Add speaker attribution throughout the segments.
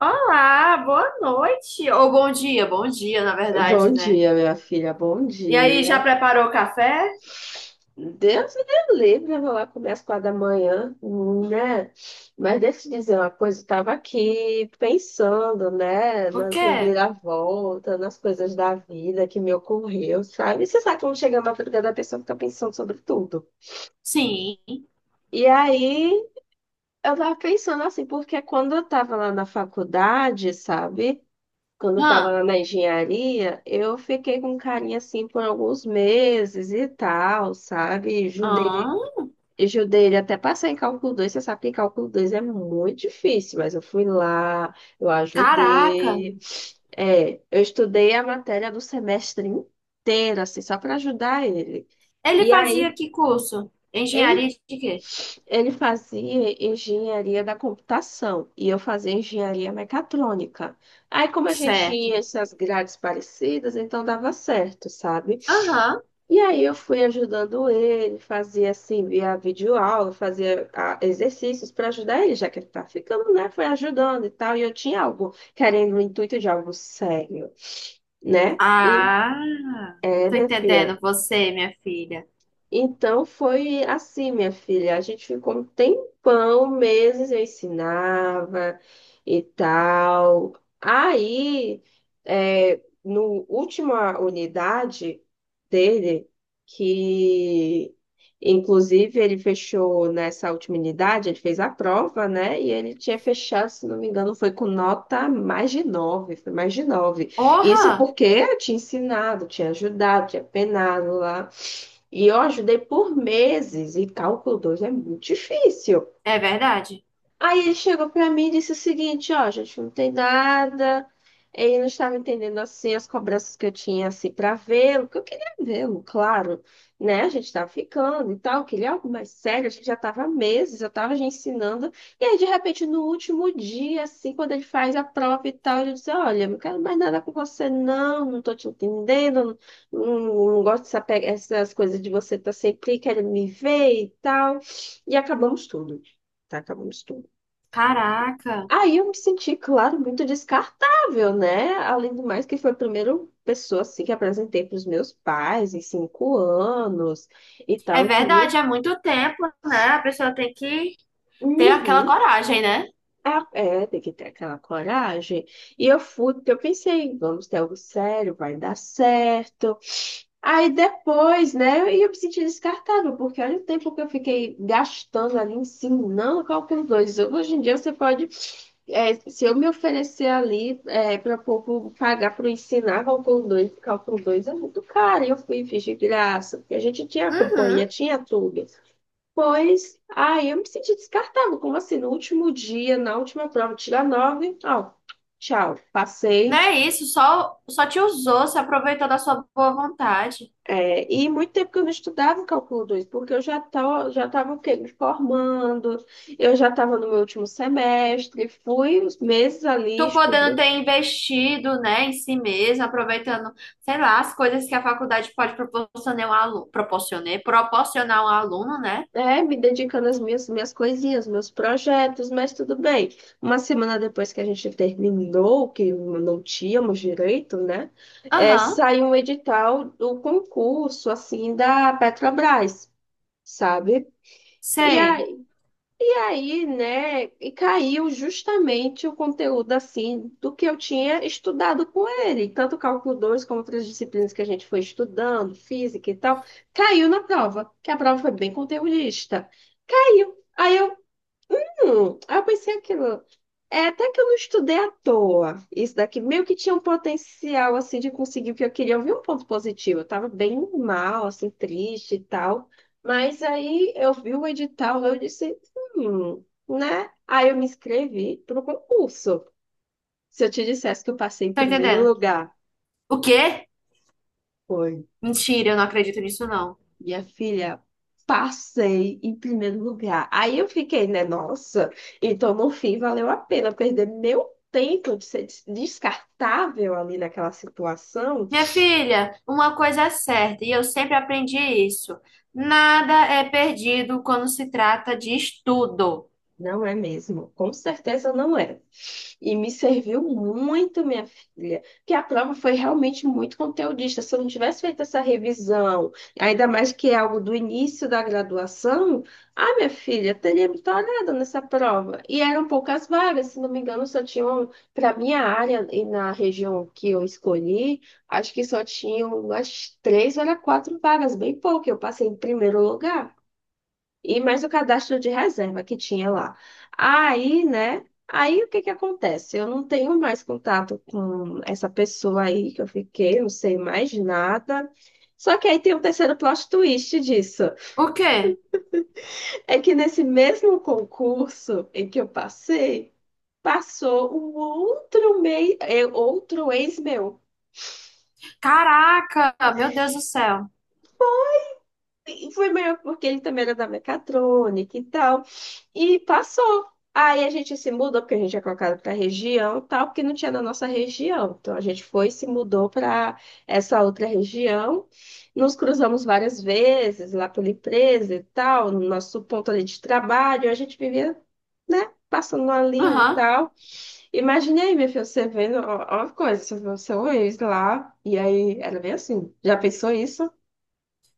Speaker 1: Olá, boa noite. Ou bom dia, na
Speaker 2: Bom
Speaker 1: verdade, né?
Speaker 2: dia, minha filha, bom
Speaker 1: E aí, já
Speaker 2: dia.
Speaker 1: preparou o café?
Speaker 2: Deus me dê livre, eu vou lá comer às 4 da manhã, né? Mas deixa eu te dizer uma coisa, eu estava aqui pensando, né,
Speaker 1: O
Speaker 2: nas
Speaker 1: quê?
Speaker 2: reviravoltas, nas coisas da vida que me ocorreu, sabe? E você sabe quando chega a madrugada, a pessoa fica pensando sobre tudo.
Speaker 1: Sim.
Speaker 2: E aí, eu tava pensando assim, porque quando eu estava lá na faculdade, sabe? Quando eu
Speaker 1: Hã?
Speaker 2: estava na engenharia, eu fiquei com carinha assim por alguns meses e tal, sabe? Judei,
Speaker 1: Hã?
Speaker 2: judei ele até passar em cálculo 2. Você sabe que cálculo 2 é muito difícil, mas eu fui lá, eu
Speaker 1: Caraca.
Speaker 2: ajudei. É, eu estudei a matéria do semestre inteiro, assim, só para ajudar ele.
Speaker 1: Ele
Speaker 2: E
Speaker 1: fazia
Speaker 2: aí.
Speaker 1: que curso?
Speaker 2: Ele
Speaker 1: Engenharia de quê?
Speaker 2: ele fazia engenharia da computação e eu fazia engenharia mecatrônica. Aí, como a gente
Speaker 1: Certo.
Speaker 2: tinha essas grades parecidas, então dava certo, sabe?
Speaker 1: Aham.
Speaker 2: E aí eu fui ajudando ele, fazia assim, via videoaula, fazia exercícios para ajudar ele, já que ele tá ficando, né? Foi ajudando e tal. E eu tinha algo, querendo o intuito de algo sério, né?
Speaker 1: Ah, tô
Speaker 2: Minha filha.
Speaker 1: entendendo você, minha filha.
Speaker 2: Então foi assim, minha filha. A gente ficou um tempão, meses eu ensinava e tal. Aí, é, no última unidade dele, que inclusive ele fechou nessa última unidade, ele fez a prova, né? E ele tinha fechado, se não me engano, foi com nota mais de nove, foi mais de nove. Isso
Speaker 1: Porra!
Speaker 2: porque eu tinha ensinado, tinha ajudado, tinha penado lá. E eu ajudei por meses, e cálculo 2 é muito difícil.
Speaker 1: É verdade?
Speaker 2: Aí ele chegou pra mim e disse o seguinte, ó, gente, não tem nada. Ele não estava entendendo assim as cobranças que eu tinha assim para vê-lo, que eu queria vê-lo, claro, né? A gente estava ficando e tal, eu queria algo mais sério, a gente já estava há meses, eu estava já ensinando. E aí de repente no último dia assim, quando ele faz a prova e tal, ele diz: "Olha, eu não quero mais nada com você não, não tô te entendendo, não, não, não gosto essas coisas de você estar sempre querendo me ver e tal". E acabamos tudo. Tá, acabamos tudo.
Speaker 1: Caraca.
Speaker 2: Aí eu me senti, claro, muito descartável, né? Além do mais que foi a primeira pessoa assim, que apresentei para os meus pais em 5 anos e
Speaker 1: É
Speaker 2: tal. Eu queria.
Speaker 1: verdade, há muito tempo, né? A pessoa tem que ter aquela
Speaker 2: Uhum.
Speaker 1: coragem, né?
Speaker 2: Ah, é, tem que ter aquela coragem. E eu fui, porque eu pensei, vamos ter algo sério, vai dar certo. Aí depois, né. E eu me senti descartável, porque olha o tempo que eu fiquei gastando ali ensinando qual que é os dois. Hoje em dia você pode, se eu me oferecer ali para pouco pagar para ensinar cálculo 2, porque cálculo 2 é muito caro, e eu fui e fiz de graça, porque a gente tinha a companhia,
Speaker 1: Uhum.
Speaker 2: tinha tudo. Pois, aí eu me senti descartável, como assim, no último dia, na última prova, tirar nove, ó, tchau,
Speaker 1: Não
Speaker 2: passei.
Speaker 1: é isso, só, só te usou, se aproveitou da sua boa vontade.
Speaker 2: É, e muito tempo que eu não estudava o cálculo 2 porque eu já tava, o quê? Me formando, eu já estava no meu último semestre, fui os meses ali
Speaker 1: Tu podendo ter
Speaker 2: estudando,
Speaker 1: investido, né, em si mesmo, aproveitando, sei lá, as coisas que a faculdade pode proporcionar um aluno, proporcionar um aluno, né?
Speaker 2: me dedicando às minhas coisinhas, meus projetos, mas tudo bem. Uma semana depois que a gente terminou, que não tínhamos direito, né? É,
Speaker 1: Aham,
Speaker 2: saiu um edital do concurso, assim, da Petrobras, sabe? E, a,
Speaker 1: sei.
Speaker 2: aí, né, e caiu justamente o conteúdo assim do que eu tinha estudado com ele, tanto o cálculo 2 como outras disciplinas que a gente foi estudando, física e tal, caiu na prova, que a prova foi bem conteudista. Caiu. Aí eu pensei aquilo. É até que eu não estudei à toa. Isso daqui meio que tinha um potencial assim de conseguir, porque eu queria ouvir um ponto positivo. Eu tava bem mal, assim, triste e tal. Mas aí eu vi o edital, eu disse, né? Aí eu me inscrevi para o concurso. Se eu te dissesse que eu passei em
Speaker 1: Tô
Speaker 2: primeiro
Speaker 1: entendendo.
Speaker 2: lugar.
Speaker 1: O quê?
Speaker 2: Foi
Speaker 1: Mentira, eu não acredito nisso, não.
Speaker 2: Minha filha, passei em primeiro lugar. Aí eu fiquei, né? Nossa, então no fim valeu a pena perder meu tempo de ser descartável ali naquela situação.
Speaker 1: Minha filha, uma coisa é certa, e eu sempre aprendi isso. Nada é perdido quando se trata de estudo.
Speaker 2: Não é mesmo, com certeza não é. E me serviu muito, minha filha, que a prova foi realmente muito conteudista. Se eu não tivesse feito essa revisão, ainda mais que é algo do início da graduação, ah, minha filha, teria me tornado nessa prova. E eram poucas vagas, se não me engano, só tinham, para minha área e na região que eu escolhi, acho que só tinham umas três ou era quatro vagas, bem pouco. Eu passei em primeiro lugar. E mais o cadastro de reserva que tinha lá. Aí, né? Aí o que que acontece? Eu não tenho mais contato com essa pessoa aí que eu fiquei, não sei mais nada. Só que aí tem um terceiro plot twist disso.
Speaker 1: O quê?
Speaker 2: É que nesse mesmo concurso em que eu passei, passou um outro, outro ex meu.
Speaker 1: Caraca, meu Deus do céu.
Speaker 2: E foi melhor porque ele também era da mecatrônica e tal. E passou. Aí a gente se mudou, porque a gente é colocado para região e tal, porque não tinha na nossa região. Então a gente foi e se mudou para essa outra região. Nos cruzamos várias vezes lá pela empresa e tal, no nosso ponto ali de trabalho. A gente vivia, né, passando ali e
Speaker 1: Aham,
Speaker 2: tal. Imagine aí, minha filha, você vendo, ó, ó a coisa, você vê o seu ex lá. E aí era bem assim. Já pensou isso?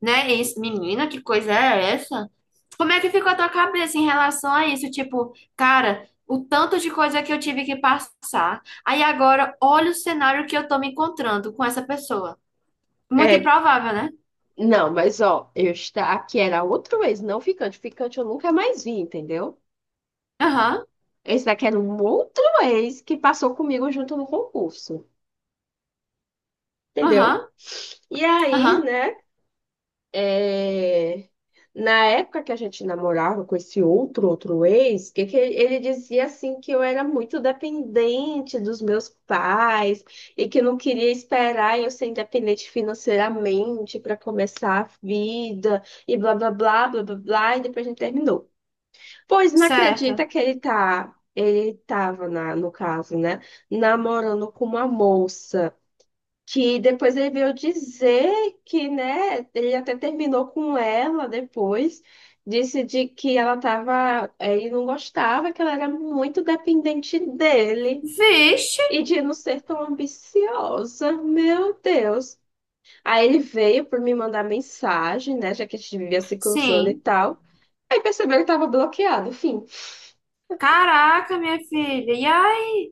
Speaker 1: né? Isso, menina, que coisa é essa? Como é que ficou a tua cabeça em relação a isso? Tipo, cara, o tanto de coisa que eu tive que passar. Aí agora, olha o cenário que eu tô me encontrando com essa pessoa. Muito
Speaker 2: É,
Speaker 1: improvável, né?
Speaker 2: não, mas ó, eu está aqui era outro ex, não ficante. Ficante eu nunca mais vi, entendeu?
Speaker 1: Aham,
Speaker 2: Esse daqui era um outro ex que passou comigo junto no concurso, entendeu?
Speaker 1: aham,
Speaker 2: E aí,
Speaker 1: aham,
Speaker 2: né? É, na época que a gente namorava com esse outro ex, que ele dizia assim que eu era muito dependente dos meus pais e que não queria esperar eu ser independente financeiramente para começar a vida e blá blá blá blá blá blá, e depois a gente terminou. Pois não
Speaker 1: certo.
Speaker 2: acredita que ele tava no caso, né, namorando com uma moça. Que depois ele veio dizer que, né, ele até terminou com ela depois, disse de que ele não gostava, que ela era muito dependente dele
Speaker 1: Vixe,
Speaker 2: e de não ser tão ambiciosa, meu Deus. Aí ele veio por me mandar mensagem, né, já que a gente vivia se cruzando e
Speaker 1: sim.
Speaker 2: tal. Aí percebeu que ele tava bloqueado, enfim.
Speaker 1: Caraca, minha filha. E aí?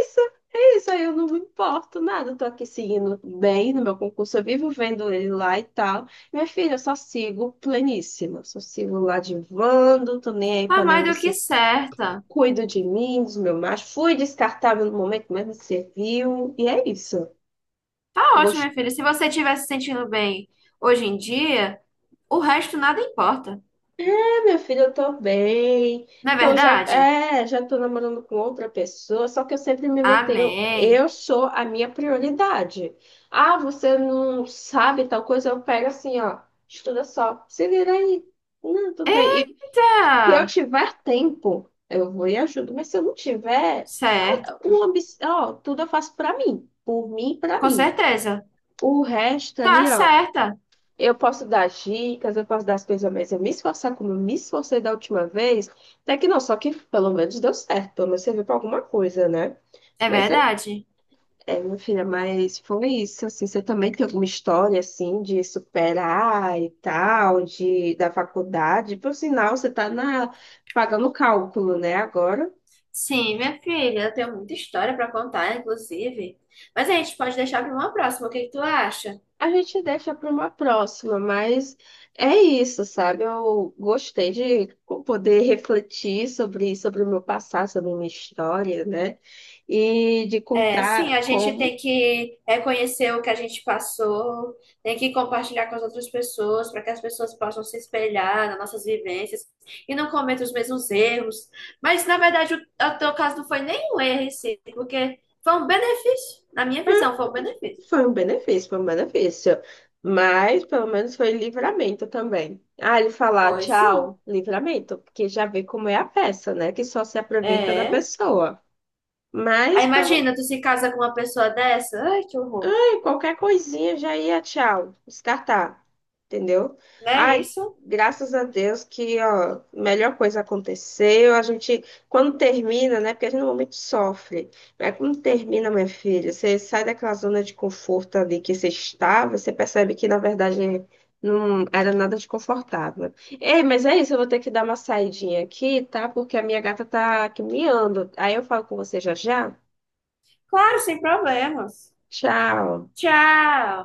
Speaker 2: Isso, é isso, aí eu não me importo nada, eu tô aqui seguindo bem no meu concurso, eu vivo vendo ele lá e tal. Minha filha, eu só sigo pleníssima, só sigo lá divando, tô nem aí
Speaker 1: Tá
Speaker 2: pra nenhum
Speaker 1: mais do que
Speaker 2: desses
Speaker 1: certa.
Speaker 2: cuido de mim, dos meus machos, fui descartável no momento, mas me serviu, e é isso.
Speaker 1: Tá
Speaker 2: Eu
Speaker 1: ótimo, minha filha. Se você estiver se sentindo bem hoje em dia, o resto nada importa.
Speaker 2: Ah, meu filho, eu tô bem.
Speaker 1: Não é verdade?
Speaker 2: Já tô namorando com outra pessoa, só que eu sempre me mantenho.
Speaker 1: Amém.
Speaker 2: Eu sou a minha prioridade. Ah, você não sabe tal coisa? Eu pego assim, ó, estuda só, se vira aí. Não, tudo bem. E se eu
Speaker 1: Tá
Speaker 2: tiver tempo, eu vou e ajudo. Mas se eu não tiver,
Speaker 1: certo.
Speaker 2: ó, tudo eu faço pra mim, por mim, e pra
Speaker 1: Com
Speaker 2: mim.
Speaker 1: certeza.
Speaker 2: O resto
Speaker 1: Tá
Speaker 2: ali, ó.
Speaker 1: certa.
Speaker 2: Eu posso dar dicas, eu posso dar as coisas, mas eu me esforçar como eu me esforcei da última vez, até que não, só que pelo menos deu certo, pelo menos serviu para alguma coisa, né?
Speaker 1: É
Speaker 2: Mas é,
Speaker 1: verdade.
Speaker 2: é, minha filha, mas foi isso, assim, você também tem alguma história, assim, de, superar e tal, da faculdade, por sinal, você tá pagando cálculo, né, agora?
Speaker 1: Sim, minha filha, eu tenho muita história para contar, inclusive. Mas a gente pode deixar para uma próxima. O que que tu acha?
Speaker 2: A gente deixa para uma próxima, mas é isso, sabe? Eu gostei de poder refletir sobre o meu passado, sobre a minha história, né? E de
Speaker 1: É, sim,
Speaker 2: contar
Speaker 1: a gente
Speaker 2: como
Speaker 1: tem que reconhecer o que a gente passou, tem que compartilhar com as outras pessoas para que as pessoas possam se espelhar nas nossas vivências e não cometam os mesmos erros. Mas, na verdade, o teu caso não foi nem um erro em si, porque foi um benefício. Na minha visão, foi um benefício.
Speaker 2: foi um benefício, foi um benefício. Mas pelo menos foi livramento também. Ah, ele falar
Speaker 1: Foi, sim.
Speaker 2: tchau, livramento, porque já vê como é a peça, né? Que só se aproveita da
Speaker 1: É.
Speaker 2: pessoa.
Speaker 1: Aí
Speaker 2: Mas pelo
Speaker 1: imagina, tu se casa com uma pessoa dessa. Ai, que horror.
Speaker 2: Qualquer coisinha já ia, tchau, descartar, entendeu?
Speaker 1: Não é
Speaker 2: Ai,
Speaker 1: isso?
Speaker 2: graças a Deus que, ó, melhor coisa aconteceu. A gente, quando termina, né? Porque a gente normalmente sofre, mas quando termina, minha filha, você sai daquela zona de conforto ali que você estava, você percebe que, na verdade, não era nada de confortável. Ei, mas é isso, eu vou ter que dar uma saidinha aqui, tá? Porque a minha gata tá aqui miando. Aí eu falo com você já já.
Speaker 1: Claro, sem problemas.
Speaker 2: Tchau.
Speaker 1: Tchau.